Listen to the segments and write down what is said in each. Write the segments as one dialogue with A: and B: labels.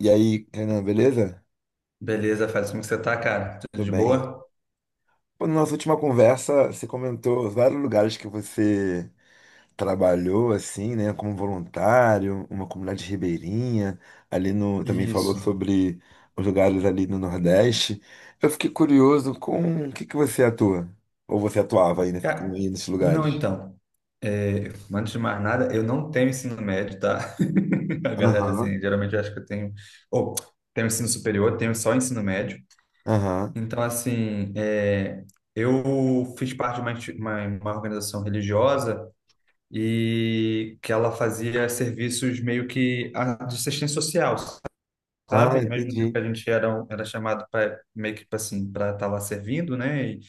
A: E aí, Renan, beleza?
B: Beleza, faz como que você tá, cara? Tudo
A: Tudo
B: de
A: bem.
B: boa?
A: Pô, na nossa última conversa, você comentou vários lugares que você trabalhou, assim, né, como voluntário, uma comunidade ribeirinha, ali no, também falou
B: Isso.
A: sobre os lugares ali no Nordeste. Eu fiquei curioso com o que que você atua, ou você atuava aí,
B: Cara,
A: aí nesses
B: não,
A: lugares?
B: então. Antes de mais nada, eu não tenho ensino médio, tá? A galera,
A: Aham,
B: assim, geralmente acha que eu tenho. Ou, tenho ensino superior, tenho só ensino médio.
A: aham.
B: Então, assim, eu fiz parte de uma organização religiosa e que ela fazia serviços meio que de assistência social,
A: Ah,
B: sabe? Ao mesmo tempo
A: entendi.
B: que a gente era, era chamado para meio que tipo assim, para estar lá servindo, né? E,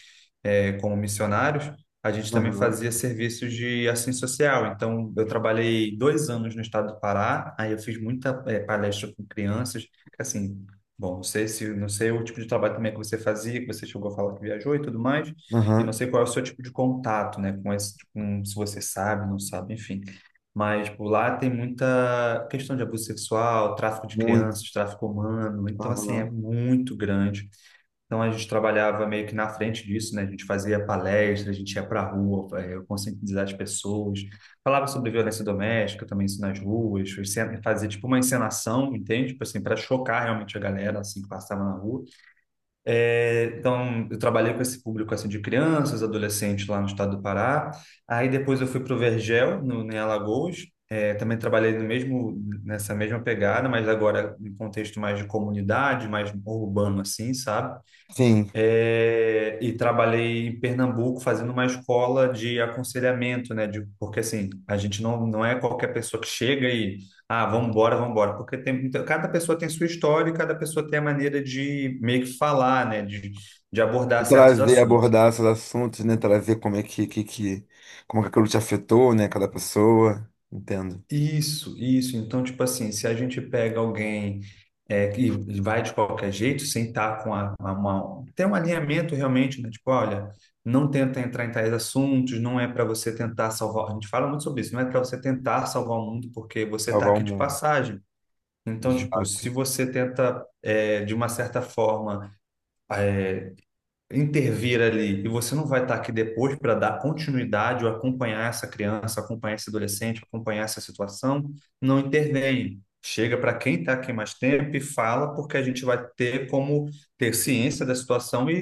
B: como missionários, a gente também
A: Aham,
B: fazia serviços de ação social. Então, eu trabalhei dois anos no estado do Pará, aí eu fiz muita palestra com crianças, assim, bom, não sei o tipo de trabalho também que você fazia, que você chegou a falar que viajou e tudo mais, e não
A: aham.
B: sei qual é o seu tipo de contato, né, com com, se você sabe, não sabe, enfim. Mas por lá tem muita questão de abuso sexual, tráfico de
A: Muito.
B: crianças, tráfico humano. Então, assim, é
A: Aham.
B: muito grande. Então a gente trabalhava meio que na frente disso, né? A gente fazia palestra, a gente ia para a rua, conscientizar as pessoas, falava sobre violência doméstica, também isso nas ruas, fazia tipo uma encenação, entende? Tipo assim, para chocar realmente a galera assim que passava na rua. Então eu trabalhei com esse público assim de crianças, adolescentes lá no estado do Pará. Aí depois eu fui para o Vergel, no, em Alagoas. Também trabalhei no mesmo nessa mesma pegada, mas agora em contexto mais de comunidade, mais urbano assim, sabe?
A: Sim.
B: É, e trabalhei em Pernambuco fazendo uma escola de aconselhamento, né? Porque assim, a gente não é qualquer pessoa que chega e, ah, vamos embora, vamos embora. Porque tem, cada pessoa tem sua história e cada pessoa tem a maneira de meio que falar, né? De
A: E
B: abordar certos
A: trazer,
B: assuntos.
A: abordar esses assuntos, né? Trazer como é que, que, como é que aquilo te afetou, né? Cada pessoa. Entendo.
B: Isso, isso. Então, tipo assim, se a gente pega alguém que vai de qualquer jeito, sem estar com a mão, tem um alinhamento realmente, né? Tipo, olha, não tenta entrar em tais assuntos, não é para você tentar salvar. A gente fala muito sobre isso, não é para você tentar salvar o mundo porque você está
A: Salvar o
B: aqui de
A: mundo.
B: passagem. Então, tipo, se
A: Exato.
B: você tenta, de uma certa forma, intervir ali e você não vai estar aqui depois para dar continuidade ou acompanhar essa criança, acompanhar esse adolescente, acompanhar essa situação, não intervém. Chega para quem está aqui mais tempo e fala, porque a gente vai ter como ter ciência da situação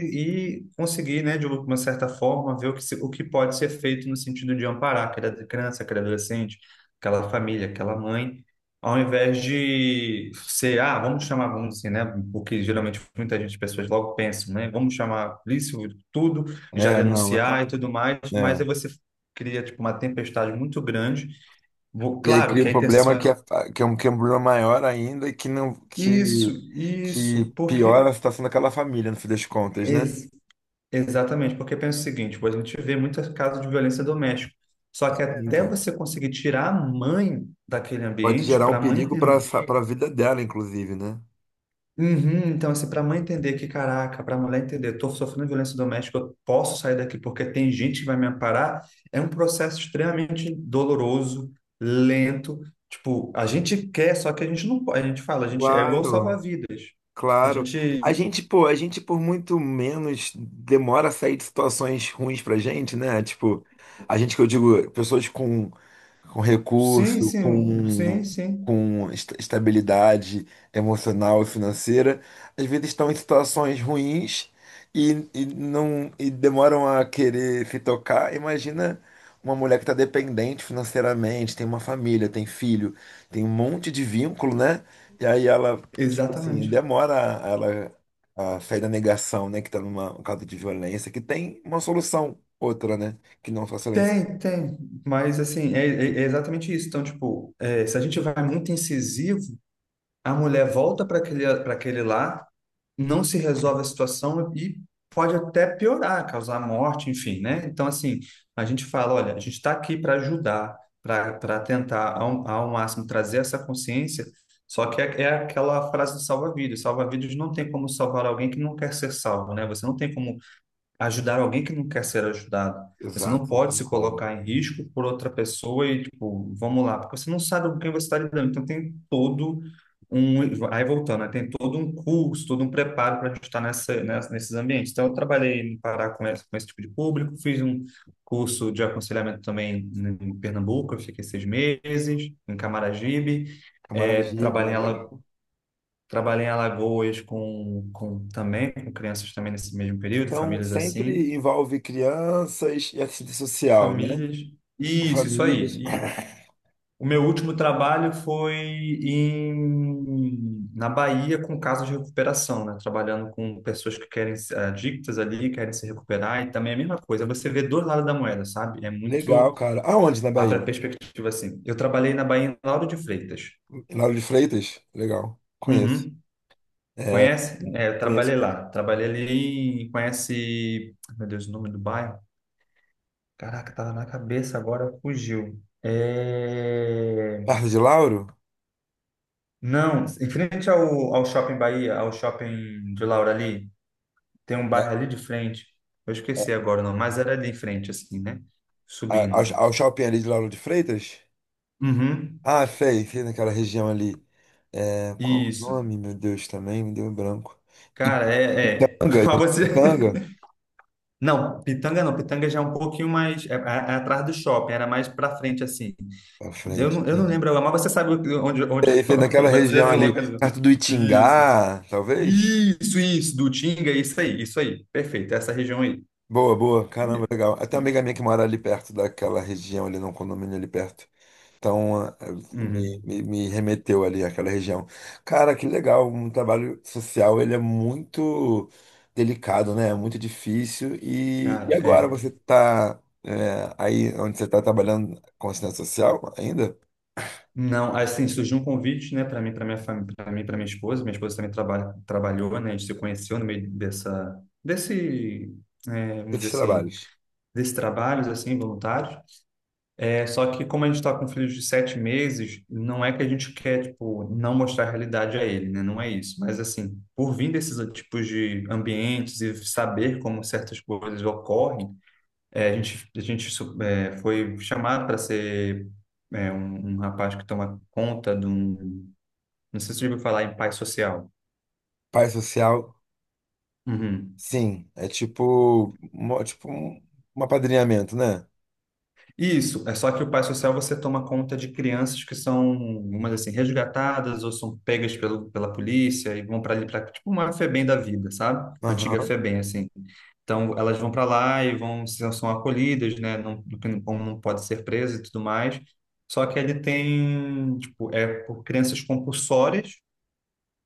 B: e conseguir, né, de uma certa forma, ver o que, o que pode ser feito no sentido de amparar aquela criança, aquele adolescente, aquela família, aquela mãe ao invés de ser, ah, vamos chamar, vamos assim, né? Porque geralmente muita gente, pessoas logo pensam, né? Vamos chamar a polícia, tudo, já
A: É, não, é
B: denunciar e
A: claro.
B: tudo mais, mas
A: É.
B: aí você cria, tipo, uma tempestade muito grande.
A: E aí
B: Claro
A: cria
B: que
A: um
B: a intenção
A: problema
B: é
A: que é um problema maior ainda e que não,
B: isso, isso,
A: que piora
B: porque.
A: a situação daquela família, no fim das contas, né?
B: ex- Exatamente, porque pensa o seguinte: pô, a gente vê muitos casos de violência doméstica, só que
A: Sim,
B: até
A: cara.
B: você conseguir tirar a mãe daquele
A: Pode
B: ambiente,
A: gerar
B: para
A: um
B: a mãe
A: perigo para
B: entender.
A: para a vida dela, inclusive, né?
B: Uhum, então, assim, para a mãe entender que, caraca, para a mulher entender, eu estou sofrendo violência doméstica, eu posso sair daqui porque tem gente que vai me amparar, é um processo extremamente doloroso, lento. Tipo, a gente quer, só que a gente não pode. A gente fala, a gente é igual
A: Claro.
B: salva-vidas. A
A: Claro. A
B: gente.
A: gente, pô, a gente por muito menos demora a sair de situações ruins pra gente, né? Tipo, a gente que eu digo, pessoas com
B: Sim,
A: recurso,
B: sim, um, sim, sim,
A: com estabilidade emocional e financeira, às vezes estão em situações ruins e não e demoram a querer se tocar. Imagina uma mulher que está dependente financeiramente, tem uma família, tem filho, tem um monte de vínculo, né? E aí ela, tipo assim,
B: exatamente.
A: ela a sair da negação, né? Que está numa causa de violência, que tem uma solução outra, né? Que não só silêncio.
B: Tem, tem, mas assim, é exatamente isso. Então, tipo, é, se a gente vai muito incisivo, a mulher volta para para aquele lar, não se resolve a situação e pode até piorar, causar morte, enfim, né? Então, assim, a gente fala, olha, a gente está aqui para ajudar, para tentar ao máximo trazer essa consciência, só que é aquela frase do salva-vidas, salva-vidas não tem como salvar alguém que não quer ser salvo, né? Você não tem como ajudar alguém que não quer ser ajudado. Você não
A: Exato, não
B: pode
A: tem
B: se
A: como.
B: colocar em risco por outra pessoa e, tipo, vamos lá, porque você não sabe com quem você está lidando. Então, tem todo um. Aí, voltando, né? Tem todo um curso, todo um preparo para a gente estar nesses ambientes. Então, eu trabalhei no Pará com com esse tipo de público, fiz um curso de aconselhamento também em Pernambuco, eu fiquei seis meses, em Camaragibe. É,
A: Camaragibe, ah, legal.
B: trabalhei em Alagoas com também com crianças também nesse mesmo período,
A: Então,
B: famílias assim.
A: sempre envolve crianças e assistente social, né?
B: Famílias. Isso aí.
A: Famílias.
B: E o meu último trabalho foi na Bahia com casos de recuperação, né? Trabalhando com pessoas que querem se- adictas ali, querem se recuperar, e também é a mesma coisa. Você vê dois lados da moeda, sabe? É muito.
A: Legal, cara. Aonde na
B: Abre a
A: Bahia?
B: perspectiva assim. Eu trabalhei na Bahia em Lauro de Freitas.
A: Em Lauro de Freitas? Legal. Conheço.
B: Uhum.
A: É,
B: Conhece?
A: né?
B: É, eu
A: Conheço.
B: trabalhei lá. Trabalhei ali em. Conhece. Meu Deus, o nome do bairro? Caraca, tava na cabeça agora, fugiu. É...
A: Perto de Lauro?
B: Não, em frente ao Shopping Bahia, ao Shopping de Laura ali, tem um
A: Né?
B: bairro ali de frente. Eu
A: É,
B: esqueci agora o nome, mas era ali em frente, assim, né?
A: Ao,
B: Subindo.
A: ao shopping ali de Lauro de Freitas?
B: Uhum,
A: Ah, sei, sei naquela região ali. É, qual o
B: isso.
A: nome, meu Deus, também? Me deu um branco. Ip-
B: Cara, é.
A: Ipiranga?
B: Mas você...
A: Ipiranga?
B: Não, Pitanga não. Pitanga já é um pouquinho mais... É atrás do shopping, era mais pra frente, assim.
A: Pra frente,
B: Eu não
A: entendi.
B: lembro agora, mas você sabe onde
A: Sei, sei naquela
B: você já
A: região
B: se
A: ali,
B: localizou.
A: perto do
B: Isso.
A: Itingá, talvez?
B: Isso, isso. Do Tinga, isso aí, isso aí. Perfeito, essa região aí.
A: Boa, boa. Caramba, legal. Até
B: É.
A: uma amiga minha que mora ali perto daquela região, ali num condomínio ali perto. Então, ah,
B: Uhum.
A: me remeteu ali àquela região. Cara, que legal. Um trabalho social, ele é muito delicado, né? É muito difícil. E
B: Cara,
A: agora
B: é.
A: você está aí onde você está trabalhando com assistência social ainda?
B: Não, assim, surgiu um convite, né, para mim, para minha família, para mim, para minha esposa. Minha esposa também trabalha, trabalhou, né, a gente se conheceu no meio vamos dizer
A: Esses
B: assim,
A: trabalhos.
B: desses trabalhos, assim, voluntários. É, só que como a gente está com filhos de sete meses, não é que a gente quer, tipo, não mostrar a realidade a ele, né, não é isso. Mas, assim, por vir desses tipos de ambientes e saber como certas coisas ocorrem, é, a gente foi chamado para ser um rapaz que toma conta de um. Não sei se você já ouviu falar em pai social.
A: Pai social,
B: Uhum.
A: sim. É tipo, é tipo um, um apadrinhamento, né?
B: Isso, é só que o pai social você toma conta de crianças que são, umas assim, resgatadas ou são pegas pela polícia e vão para ali, para tipo uma FEBEM da vida, sabe? Uma antiga
A: Aham.
B: FEBEM, assim. Então, elas vão para lá e vão, são acolhidas, né? Não, não pode ser presa e tudo mais. Só que ele tem, tipo, é por crianças compulsórias.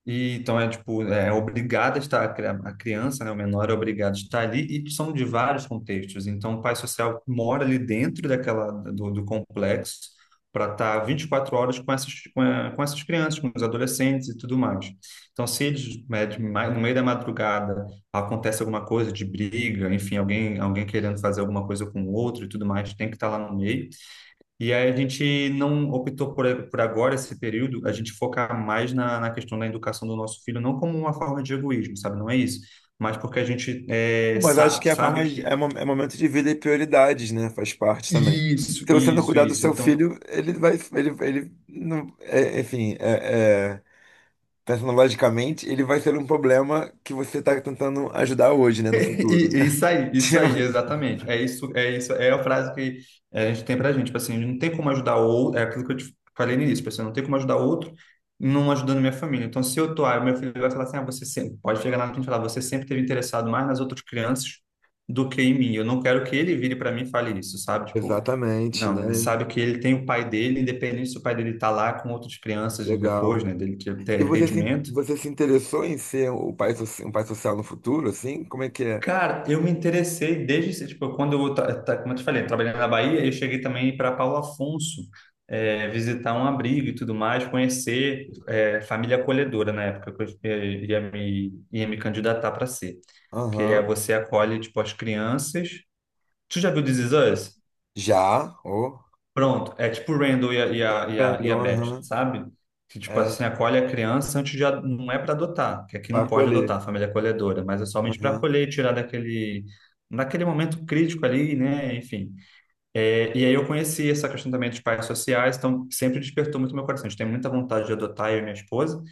B: E, então é tipo, é obrigada a estar, a criança, né, o menor é obrigado a estar ali, e são de vários contextos. Então, o pai social mora ali dentro do complexo para estar 24 horas com com essas crianças, com os adolescentes e tudo mais. Então, se eles, né, no meio da madrugada acontece alguma coisa de briga, enfim, alguém querendo fazer alguma coisa com o outro e tudo mais, tem que estar lá no meio. E aí a gente não optou por agora esse período, a gente focar mais na questão da educação do nosso filho, não como uma forma de egoísmo, sabe? Não é isso. Mas porque a gente
A: Mas acho que é a
B: sabe que
A: é, é momento de vida e prioridades, né? Faz parte também.
B: isso,
A: Se você não
B: isso,
A: cuidar do
B: isso.
A: seu
B: Então,
A: filho, ele vai, ele não, enfim, é, pensando logicamente, ele vai ser um problema que você está tentando ajudar hoje, né? No futuro. Né?
B: Isso aí, isso
A: Tipo,
B: aí, exatamente. É isso, é a frase que é, a gente tem pra gente, tipo assim, não tem como ajudar o outro, é aquilo que eu te falei no início, pessoal, não tem como ajudar o outro não ajudando minha família. Então, se eu tô, ah, meu filho vai falar assim, ah, você sempre, pode chegar lá na frente e falar, você sempre teve interessado mais nas outras crianças do que em mim. Eu não quero que ele vire para mim e fale isso, sabe? Tipo,
A: exatamente,
B: não, ele
A: né?
B: sabe que ele tem o pai dele, independente se o pai dele tá lá com outras crianças depois,
A: Legal.
B: né, dele
A: E
B: ter entendimento.
A: você se interessou em ser o pai, um pai social no futuro, assim? Como é que é?
B: Cara, eu me interessei desde, tipo, quando eu, como eu te falei, trabalhando na Bahia, eu cheguei também para Paulo Afonso, visitar um abrigo e tudo mais, conhecer, família acolhedora na época que eu ia me candidatar para ser. Que é
A: Aham.
B: você acolhe, tipo, as crianças. Tu já viu This Is Us?
A: Já? Oh.
B: Pronto, é tipo o Randall e e a
A: Aprendeu.
B: Beth,
A: Aham.
B: sabe? Que, tipo
A: É,
B: assim, acolhe a criança antes de... Não é para adotar, que aqui
A: para
B: não pode adotar, a
A: acolher.
B: família é acolhedora, mas é somente para
A: Aham.
B: acolher e tirar daquele... Naquele momento crítico ali, né? Enfim. É, e aí eu conheci essa questão também dos pais sociais, então sempre despertou muito meu coração. A gente tem muita vontade de adotar, eu e minha esposa,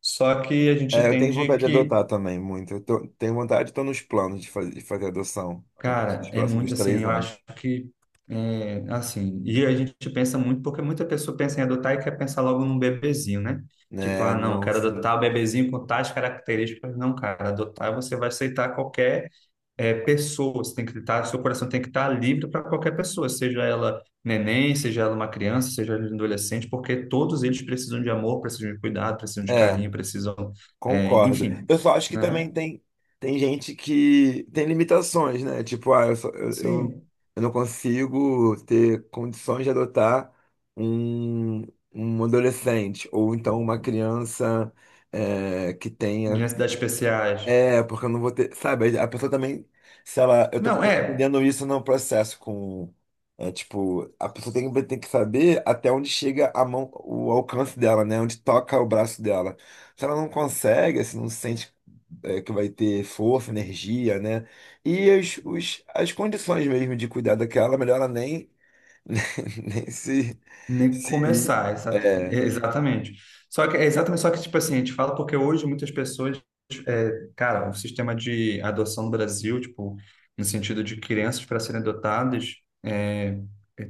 B: só que a gente
A: É, eu tenho
B: entende
A: vontade de
B: que
A: adotar também, muito. Tenho vontade, estou nos planos de fazer adoção a partir
B: cara,
A: dos
B: é
A: próximos
B: muito assim,
A: três
B: eu acho
A: anos.
B: que assim, e a gente pensa muito, porque muita pessoa pensa em adotar e quer pensar logo num bebezinho, né? Tipo,
A: Né,
B: ah, não,
A: não,
B: quero
A: sim.
B: adotar o bebezinho com tais características. Não, cara, adotar você vai aceitar qualquer pessoa, você tem que estar, seu coração tem que estar livre para qualquer pessoa, seja ela neném, seja ela uma criança, seja ela um adolescente, porque todos eles precisam de amor, precisam de cuidado, precisam de
A: É,
B: carinho, precisam,
A: concordo.
B: enfim,
A: Eu só acho que
B: né?
A: também tem, tem gente que tem limitações, né? Tipo, ah, eu, eu, eu
B: Sim,
A: eu não consigo ter condições de adotar um, um adolescente ou então uma criança é, que
B: de
A: tenha.
B: necessidades especiais.
A: É, porque eu não vou ter. Sabe, a pessoa também, se ela. Eu tô
B: Não, é.
A: entendendo isso no processo com. É tipo, a pessoa tem, tem que saber até onde chega a mão, o alcance dela, né? Onde toca o braço dela. Se ela não consegue, assim, não sente é, que vai ter força, energia, né? E os, as condições mesmo de cuidar daquela, melhor ela nem, nem se,
B: Nem
A: se
B: começar,
A: é.
B: é, exatamente. Só que, é exatamente, só que, tipo assim, a gente fala porque hoje muitas pessoas, cara, o sistema de adoção no Brasil, tipo, no sentido de crianças para serem adotadas, é,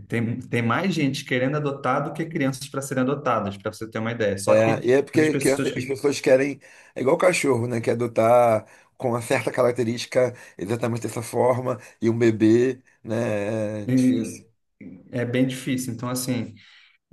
B: tem, tem mais gente querendo adotar do que crianças para serem adotadas, para você ter uma ideia. Só que
A: É, e é
B: essas
A: porque criança,
B: pessoas
A: as
B: que.
A: pessoas querem, é igual cachorro, né? Quer adotar com uma certa característica exatamente dessa forma, e um bebê, né? É difícil.
B: É, é bem difícil. Então, assim.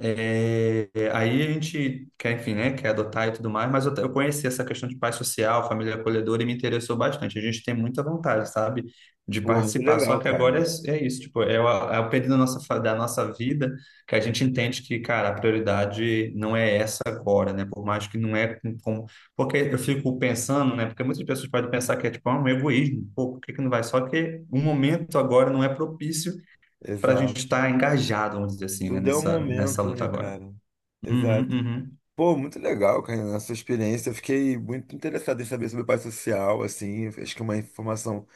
B: É, aí a gente quer, enfim, né, quer adotar e tudo mais, mas eu conheci essa questão de pai social, família acolhedora e me interessou bastante. A gente tem muita vontade, sabe, de
A: Pô, muito
B: participar. Só
A: legal,
B: que
A: cara.
B: agora é isso, tipo, é é o período da nossa, da nossa vida que a gente entende que, cara, a prioridade não é essa agora, né? Por mais que não é porque eu fico pensando, né? Porque muitas pessoas podem pensar que é tipo ah, um egoísmo, pô, por que que não vai? Só que o momento agora não é propício para a gente
A: Exato.
B: estar engajado, vamos dizer assim, né,
A: Tudo é um
B: nessa
A: momento,
B: luta
A: né,
B: agora.
A: cara?
B: Uhum,
A: Exato.
B: uhum.
A: Pô, muito legal, cara, a sua experiência. Eu fiquei muito interessado em saber sobre o pai social, assim. Acho que é uma informação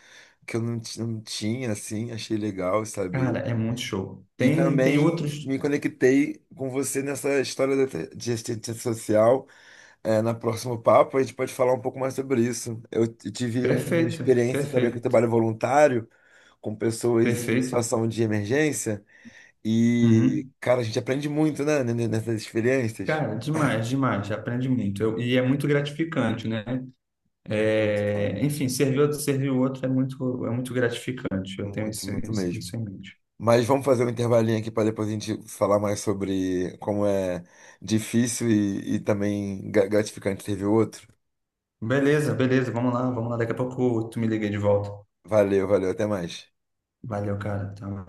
A: que eu não, não tinha, assim. Achei legal saber.
B: Cara, é muito show.
A: E
B: Tem, tem
A: também
B: outros.
A: me conectei com você nessa de assistência social. É, na próxima papo a gente pode falar um pouco mais sobre isso. Tive um, uma
B: Perfeito,
A: experiência também com o
B: perfeito,
A: trabalho voluntário, com pessoas em
B: perfeito.
A: situação de emergência, e,
B: Uhum.
A: cara, a gente aprende muito, né, nessas experiências.
B: Cara, demais, demais. Aprende muito. É muito gratificante, né?
A: Muito, cara.
B: É, enfim, servir outro, servir o outro é muito gratificante. Eu tenho
A: Muito,
B: isso,
A: muito
B: isso, isso
A: mesmo.
B: em mente.
A: Mas vamos fazer um intervalinho aqui para depois a gente falar mais sobre como é difícil e também gratificante ter o outro.
B: Beleza, beleza. Vamos lá, vamos lá. Daqui a pouco tu me liga de volta.
A: Valeu, valeu, até mais.
B: Valeu, cara. Tá